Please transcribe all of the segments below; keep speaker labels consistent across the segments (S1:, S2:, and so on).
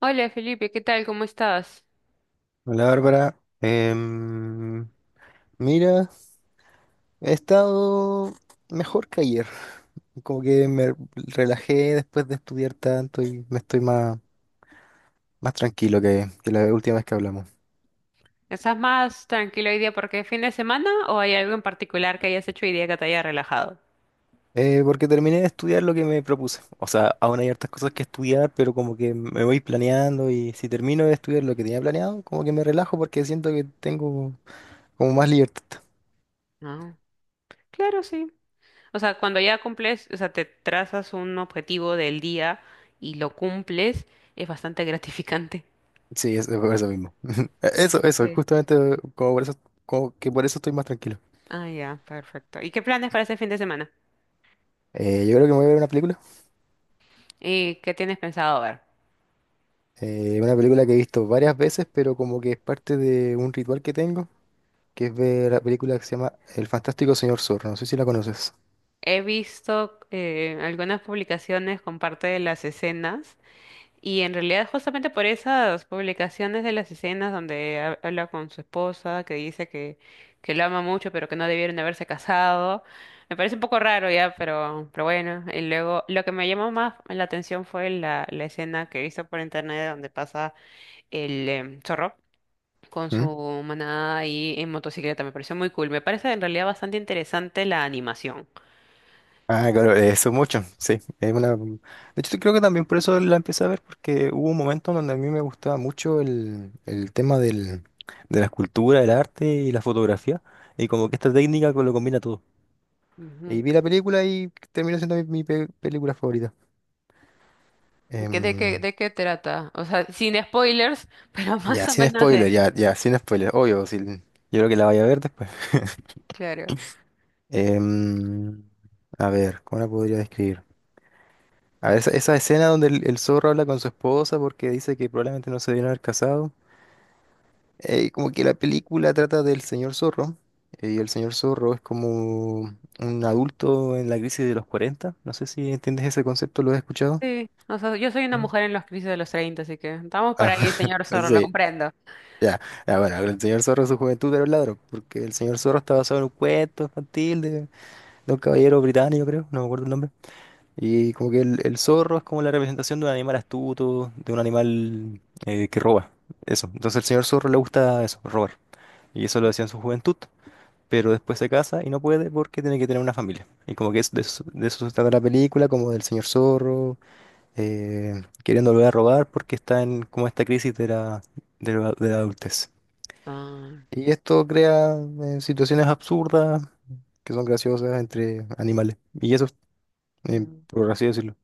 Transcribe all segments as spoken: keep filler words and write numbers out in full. S1: Hola Felipe, ¿qué tal? ¿Cómo estás?
S2: Hola Bárbara, Em, mira, he estado mejor que ayer, como que me relajé después de estudiar tanto y me estoy más, más tranquilo que, que la última vez que hablamos.
S1: ¿Estás más tranquilo hoy día porque es fin de semana o hay algo en particular que hayas hecho hoy día que te haya relajado?
S2: Eh, porque terminé de estudiar lo que me propuse, o sea, aún hay hartas cosas que estudiar, pero como que me voy planeando y si termino de estudiar lo que tenía planeado, como que me relajo porque siento que tengo como más libertad.
S1: No. Claro, sí. O sea, cuando ya cumples, o sea, te trazas un objetivo del día y lo cumples, es bastante gratificante.
S2: Sí, eso, por eso mismo. Eso, eso,
S1: Sí.
S2: justamente como por eso, como que por eso estoy más tranquilo.
S1: Ah, ya, perfecto. ¿Y qué planes para este fin de semana?
S2: Eh, yo creo que me voy a ver una película.
S1: ¿Y qué tienes pensado ver?
S2: Eh, una película que he visto varias veces, pero como que es parte de un ritual que tengo, que es ver la película que se llama El Fantástico Señor Zorro. No sé si la conoces.
S1: He visto eh, algunas publicaciones con parte de las escenas. Y en realidad justamente por esas publicaciones de las escenas donde ha- habla con su esposa, que dice que, que lo ama mucho, pero que no debieron haberse casado, me parece un poco raro ya, pero, pero bueno. Y luego lo que me llamó más la atención fue la, la escena que he visto por internet donde pasa el em, zorro con su
S2: ¿Mm?
S1: manada ahí en motocicleta. Me pareció muy cool. Me parece en realidad bastante interesante la animación.
S2: Ah, claro, eso mucho, sí. Es una... De hecho, creo que también por eso la empecé a ver, porque hubo un momento donde a mí me gustaba mucho el, el tema del, de la escultura, el arte y la fotografía, y como que esta técnica co- lo combina todo. Y vi la película y terminó siendo mi, mi pe- película favorita.
S1: Ujú. ¿Qué- ¿De
S2: Em,
S1: qué, de qué trata? O sea, sin spoilers, pero más
S2: Ya,
S1: o
S2: sin
S1: menos, eh,
S2: spoiler, ya, ya, sin spoiler, obvio, sí, yo creo que la vaya a ver después.
S1: claro.
S2: Em, a ver, ¿cómo la podría describir? A ver, esa, esa escena donde el, el zorro habla con su esposa porque dice que probablemente no se debieron haber casado. Eh, como que la película trata del señor zorro, eh, y el señor zorro es como un adulto en la crisis de los cuarenta. No sé si entiendes ese concepto, ¿lo has escuchado?
S1: Sí, o sea, yo soy una
S2: ¿No?
S1: mujer en los crisis de los treinta, así que estamos por
S2: Ah,
S1: ahí, señor Zorro, lo
S2: sí.
S1: comprendo.
S2: Ya, ya, bueno, el señor Zorro en su juventud era un ladrón, porque el señor Zorro está basado en un cuento infantil de, de un caballero británico, creo, no me acuerdo el nombre. Y como que el, el zorro es como la representación de un animal astuto, de un animal eh, que roba. Eso. Entonces al señor zorro le gusta eso, robar. Y eso lo hacía en su juventud. Pero después se casa y no puede porque tiene que tener una familia. Y como que es de, eso, de eso se trata la película, como del señor zorro, eh, queriendo volver a robar porque está en como esta crisis de la, de la, de la adultez.
S1: Ah,
S2: Y esto crea eh, situaciones absurdas que son graciosas entre animales. Y eso eh,
S1: mm,
S2: por así decirlo.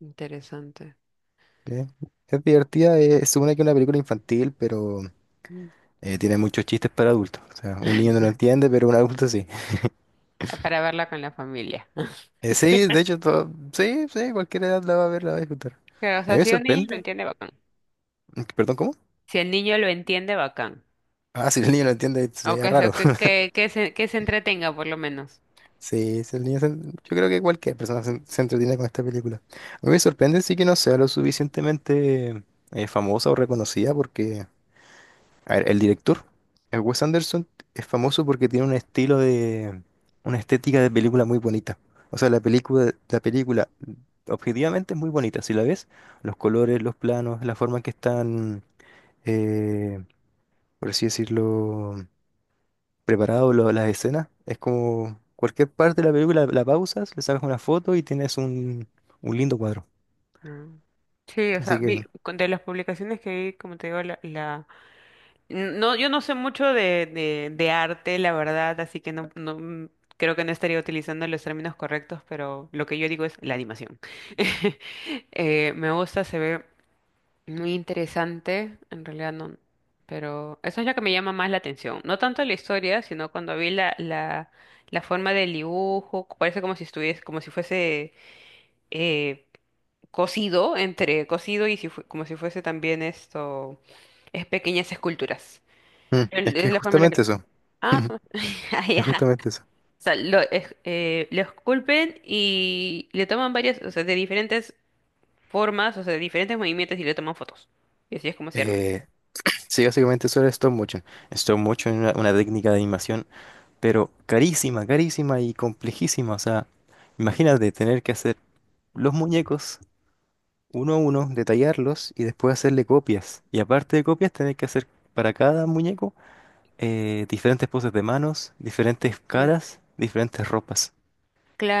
S1: interesante.
S2: Eh, es divertida, eh, se supone que es una película infantil, pero
S1: Mm.
S2: eh, tiene muchos chistes para adultos. O sea, un niño no lo entiende, pero un adulto sí.
S1: Para verla con la familia.
S2: Eh, sí, de hecho, todo, sí, sí, cualquier edad la va a ver, la va a disfrutar.
S1: Pero, o
S2: A mí
S1: sea,
S2: me
S1: si un niño lo
S2: sorprende.
S1: entiende, bacán.
S2: Mm, perdón, ¿cómo?
S1: Si el niño lo entiende, bacán.
S2: Ah, si el niño lo entiende,
S1: O
S2: sería
S1: que se,
S2: raro.
S1: que, que, que se, que se entretenga, por lo menos.
S2: Sí, si el niño se- yo creo que cualquier persona se, se entretiene con esta película. A mí me sorprende sí que no sea lo suficientemente eh, famosa o reconocida porque a ver, el director, el Wes Anderson, es famoso porque tiene un estilo de, una estética de película muy bonita. O sea, la película, la película objetivamente es muy bonita. Si la ves, los colores, los planos, la forma en que están, eh, por así decirlo, preparados lo- las escenas, es como cualquier parte de la película la pausas, le sacas una foto y tienes un, un lindo cuadro.
S1: Ah. Sí, o sea,
S2: Así que,
S1: vi,
S2: mm,
S1: con- de las publicaciones que vi, como te digo, la, No, yo no sé mucho de, de, de arte, la verdad, así que no, no mm, creo que no estaría utilizando los términos correctos, pero lo que yo digo es la animación. Eh, me gusta, se ve muy interesante, en realidad no, pero eso es lo que me llama más la atención. No tanto la historia, sino cuando vi la, la, la forma del dibujo, parece como si estuviese, como si fuese eh, cosido, entre cosido y si fue- como si fuese también esto, es pequeñas esculturas
S2: es
S1: el-
S2: que
S1: es
S2: es
S1: la forma en la que...
S2: justamente eso.
S1: Ah, son- ah,
S2: Es
S1: ya.
S2: justamente eso.
S1: O sea, lo, es- eh, lo esculpen y le toman varias, o sea, de diferentes formas, o sea, de diferentes movimientos y le toman fotos. Y así es como se arma.
S2: Eh, Sí, básicamente eso era stop motion. Stop motion era una técnica de animación, pero carísima, carísima y complejísima. O sea, imagínate tener que hacer los muñecos uno a uno, detallarlos y después hacerle copias. Y aparte de copias, tener que hacer para cada muñeco eh, diferentes poses de manos, diferentes
S1: Sí.
S2: caras, diferentes ropas.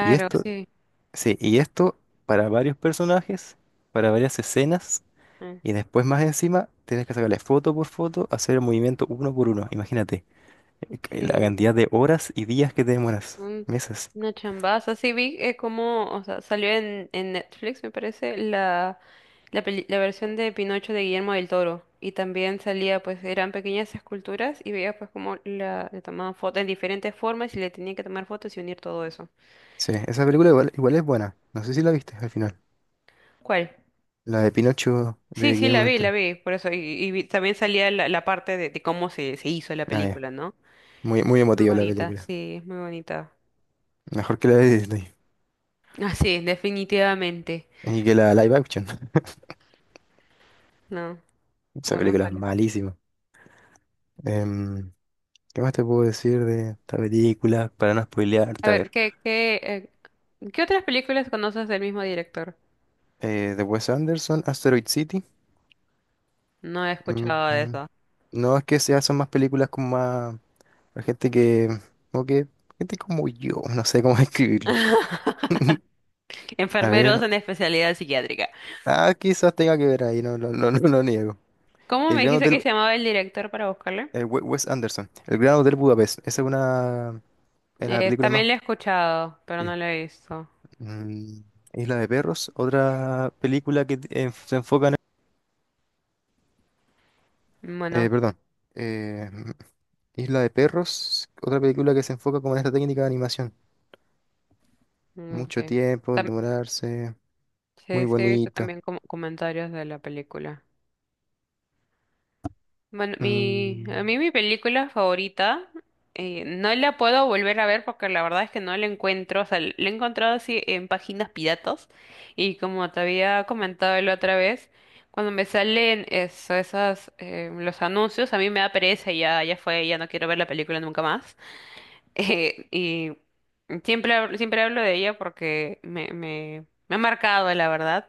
S2: Y esto,
S1: sí.
S2: sí, y esto para varios personajes, para varias escenas.
S1: Ah,
S2: Y después más encima, tienes que sacarle foto por foto, hacer el movimiento uno por uno. Imagínate. La
S1: sí.
S2: cantidad de horas y días que te demoras.
S1: Un-
S2: Meses.
S1: una chambaza. Sí, vi eh, como, o sea, salió en, en Netflix, me parece, la, la, peli- la versión de Pinocho de Guillermo del Toro. Y también salía, pues, eran pequeñas esculturas y veía, pues, como la, le tomaban fotos en diferentes formas y le tenían que tomar fotos y unir todo eso.
S2: Sí, esa película igual, igual es buena. No sé si la viste al final.
S1: ¿Cuál?
S2: La de Pinocho
S1: Sí,
S2: de
S1: sí, la
S2: Guillermo del
S1: vi, la
S2: Toro.
S1: vi, por eso. Y, y vi- también salía la, la parte de, de cómo se, se hizo la
S2: Ah, ya.
S1: película, ¿no?
S2: Muy, muy
S1: Muy
S2: emotiva la
S1: bonita,
S2: película.
S1: sí, muy bonita.
S2: Mejor que la de Disney.
S1: Ah, sí, definitivamente.
S2: Y que la live action.
S1: No,
S2: Esa
S1: bueno,
S2: película es
S1: ojalá.
S2: malísima. Em, ¿Qué más te puedo decir de esta película? Para no
S1: A
S2: spoilearte, a
S1: ver,
S2: ver.
S1: ¿qué, qué, eh, ¿qué otras películas conoces del mismo director?
S2: Eh, de Wes Anderson, Asteroid City.
S1: No he
S2: Mm,
S1: escuchado de
S2: mm.
S1: eso.
S2: No es que se hacen más películas como más... Para gente que... Como que... Gente como yo. No sé cómo describirlo. A
S1: Enfermeros
S2: ver,
S1: en especialidad psiquiátrica.
S2: ah, quizás tenga que ver ahí, no, no, no, no lo niego.
S1: ¿Cómo
S2: El
S1: me
S2: Gran
S1: dijiste que
S2: Hotel,
S1: se llamaba el director para buscarle?
S2: el We- Wes Anderson, El Gran Hotel Budapest, esa es una, es la
S1: Eh,
S2: película
S1: también
S2: más...
S1: lo he escuchado, pero no
S2: Sí.
S1: lo he visto.
S2: Mm, Isla de Perros, otra película que eh, se enfoca en...
S1: Bueno,
S2: eh, perdón, eh, Isla de Perros, otra película que se enfoca como en esta técnica de animación.
S1: mm,
S2: Mucho
S1: ok.
S2: tiempo, en demorarse,
S1: Sí,
S2: muy
S1: sí, he visto
S2: bonita.
S1: también com- comentarios de la película. Bueno, mi, a
S2: Mm,
S1: mí mi película favorita, eh, no la puedo volver a ver porque la verdad es que no la encuentro, o sea, la he encontrado así en páginas piratas y como te había comentado la otra vez, cuando me salen eso, esas, eh, los anuncios, a mí me da pereza y ya, ya fue, ya no quiero ver la película nunca más. Eh, y siempre, hablo- siempre hablo de ella porque me, me, me ha marcado, la verdad.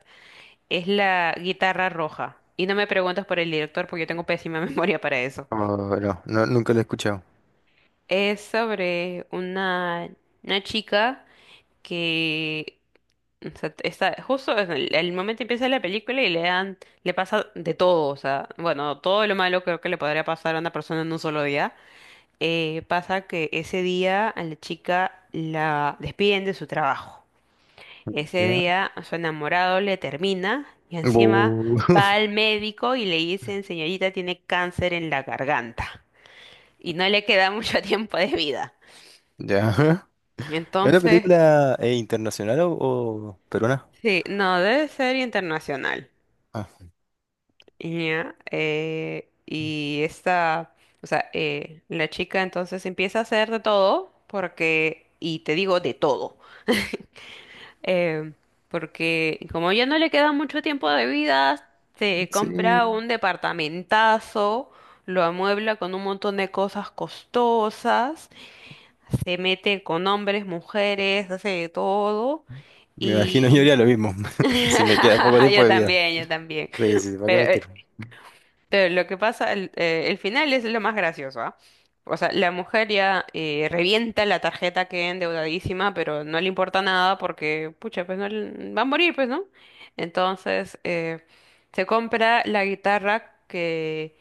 S1: Es la guitarra roja. Y no me preguntes por el director porque yo tengo pésima memoria para eso.
S2: ah, no, no, nunca la he escuchado.
S1: Es sobre una, una chica que, o sea, está justo en el, el momento, empieza la película y le dan, le pasa de todo, o sea, bueno, todo lo malo creo que le podría pasar a una persona en un solo día. Eh, pasa que ese día a la chica la despiden de su trabajo. Ese
S2: Ya.
S1: día su enamorado le termina y encima
S2: Bu-
S1: va al médico y le dicen, señorita, tiene cáncer en la garganta y no le queda mucho tiempo de vida.
S2: Ya. ¿Es una
S1: Entonces,
S2: película eh, internacional o, o peruana?
S1: sí, no, debe ser internacional.
S2: Ah,
S1: Ya, eh, y esta, o sea, eh, la chica entonces empieza a hacer de todo porque, y te digo de todo. Eh, porque como ya no le queda mucho tiempo de vida, se compra
S2: sí,
S1: un departamentazo, lo amuebla con un montón de cosas costosas, se mete con hombres, mujeres, hace de todo
S2: me imagino yo
S1: y...
S2: haría lo mismo. Si me queda poco tiempo
S1: Yo
S2: de vida.
S1: también, yo también.
S2: Sí, sí, sí, ¿para qué
S1: Pero
S2: mentir?
S1: eh, pero lo que pasa, el, eh, el final es lo más gracioso, ¿ah? O sea, la mujer ya eh, revienta la tarjeta, que endeudadísima, pero no le importa nada porque, pucha, pues no le- va a morir, pues, ¿no? Entonces, eh, se compra la guitarra que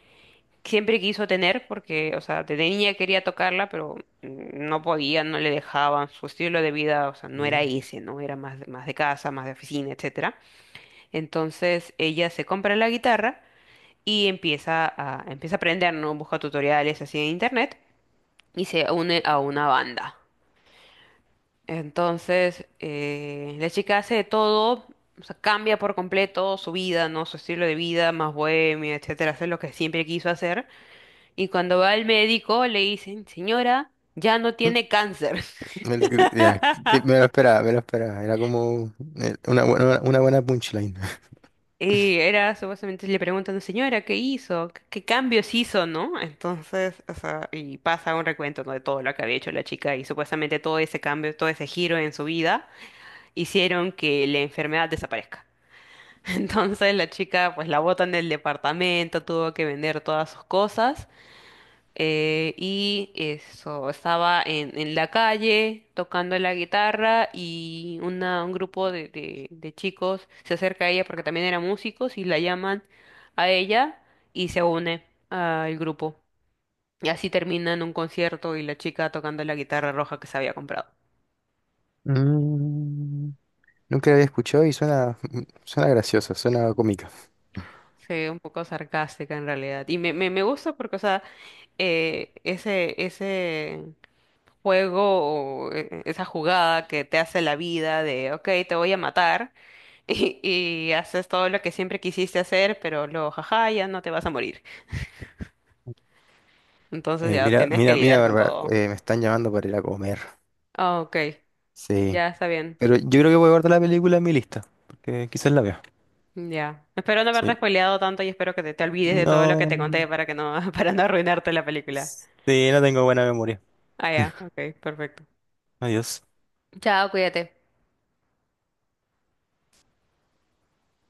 S1: siempre quiso tener, porque, o sea, de niña quería tocarla, pero mm, no podía, no le dejaban, su estilo de vida, o sea, no era
S2: Mm.
S1: ese, ¿no? Era más, de- más de casa, más de oficina, etcétera. Entonces, ella se compra la guitarra y empieza a, empieza a aprender, ¿no? Busca tutoriales así en internet y se une a una banda. Entonces, eh, la chica hace de todo, o sea, cambia por completo su vida, ¿no? Su estilo de vida, más bohemia, etcétera, hace lo que siempre quiso hacer. Y cuando va al médico le dicen, señora, ya no
S2: Mm,
S1: tiene cáncer.
S2: el- que- ya, sí, me lo esperaba, me lo esperaba. Era como eh, una buena, una buena punchline.
S1: Y era, supuestamente le preguntan, señora, ¿qué hizo? ¿Qué, qué cambios hizo, no? Entonces, o sea, y pasa un recuento, ¿no?, de todo lo que había hecho la chica, y supuestamente todo ese cambio, todo ese giro en su vida hicieron que la enfermedad desaparezca. Entonces la chica, pues la botan del departamento, tuvo que vender todas sus cosas, eh, y eso, estaba en, en la calle tocando la guitarra y una, un grupo de, de, de chicos se acerca a ella porque también eran músicos y la llaman a ella y se une al grupo. Y así terminan un concierto y la chica tocando la guitarra roja que se había comprado.
S2: Mm, nunca la había escuchado y suena, suena graciosa, suena cómica.
S1: Sí, un poco sarcástica en realidad. Y me, me, me gusta porque, o sea, eh, ese, ese juego, o, eh, esa jugada que te hace la vida de, ok, te voy a matar y, y haces todo lo que siempre quisiste hacer, pero luego, jaja, ya no te vas a morir. Entonces
S2: Eh,
S1: ya
S2: mira,
S1: tienes que
S2: mira, mira,
S1: lidiar con
S2: Bárbara,
S1: todo.
S2: eh, me están llamando para ir a comer.
S1: Ah, ok,
S2: Sí,
S1: ya está bien.
S2: pero yo creo que voy a guardar la película en mi lista, porque quizás la vea.
S1: Ya. Espero no haberte
S2: Sí,
S1: spoileado tanto y espero que te, te olvides de todo lo que
S2: no.
S1: te conté para que no, para no arruinarte la película.
S2: Sí, no tengo buena memoria.
S1: Ah, ya. Ok, perfecto.
S2: Adiós.
S1: Chao, cuídate.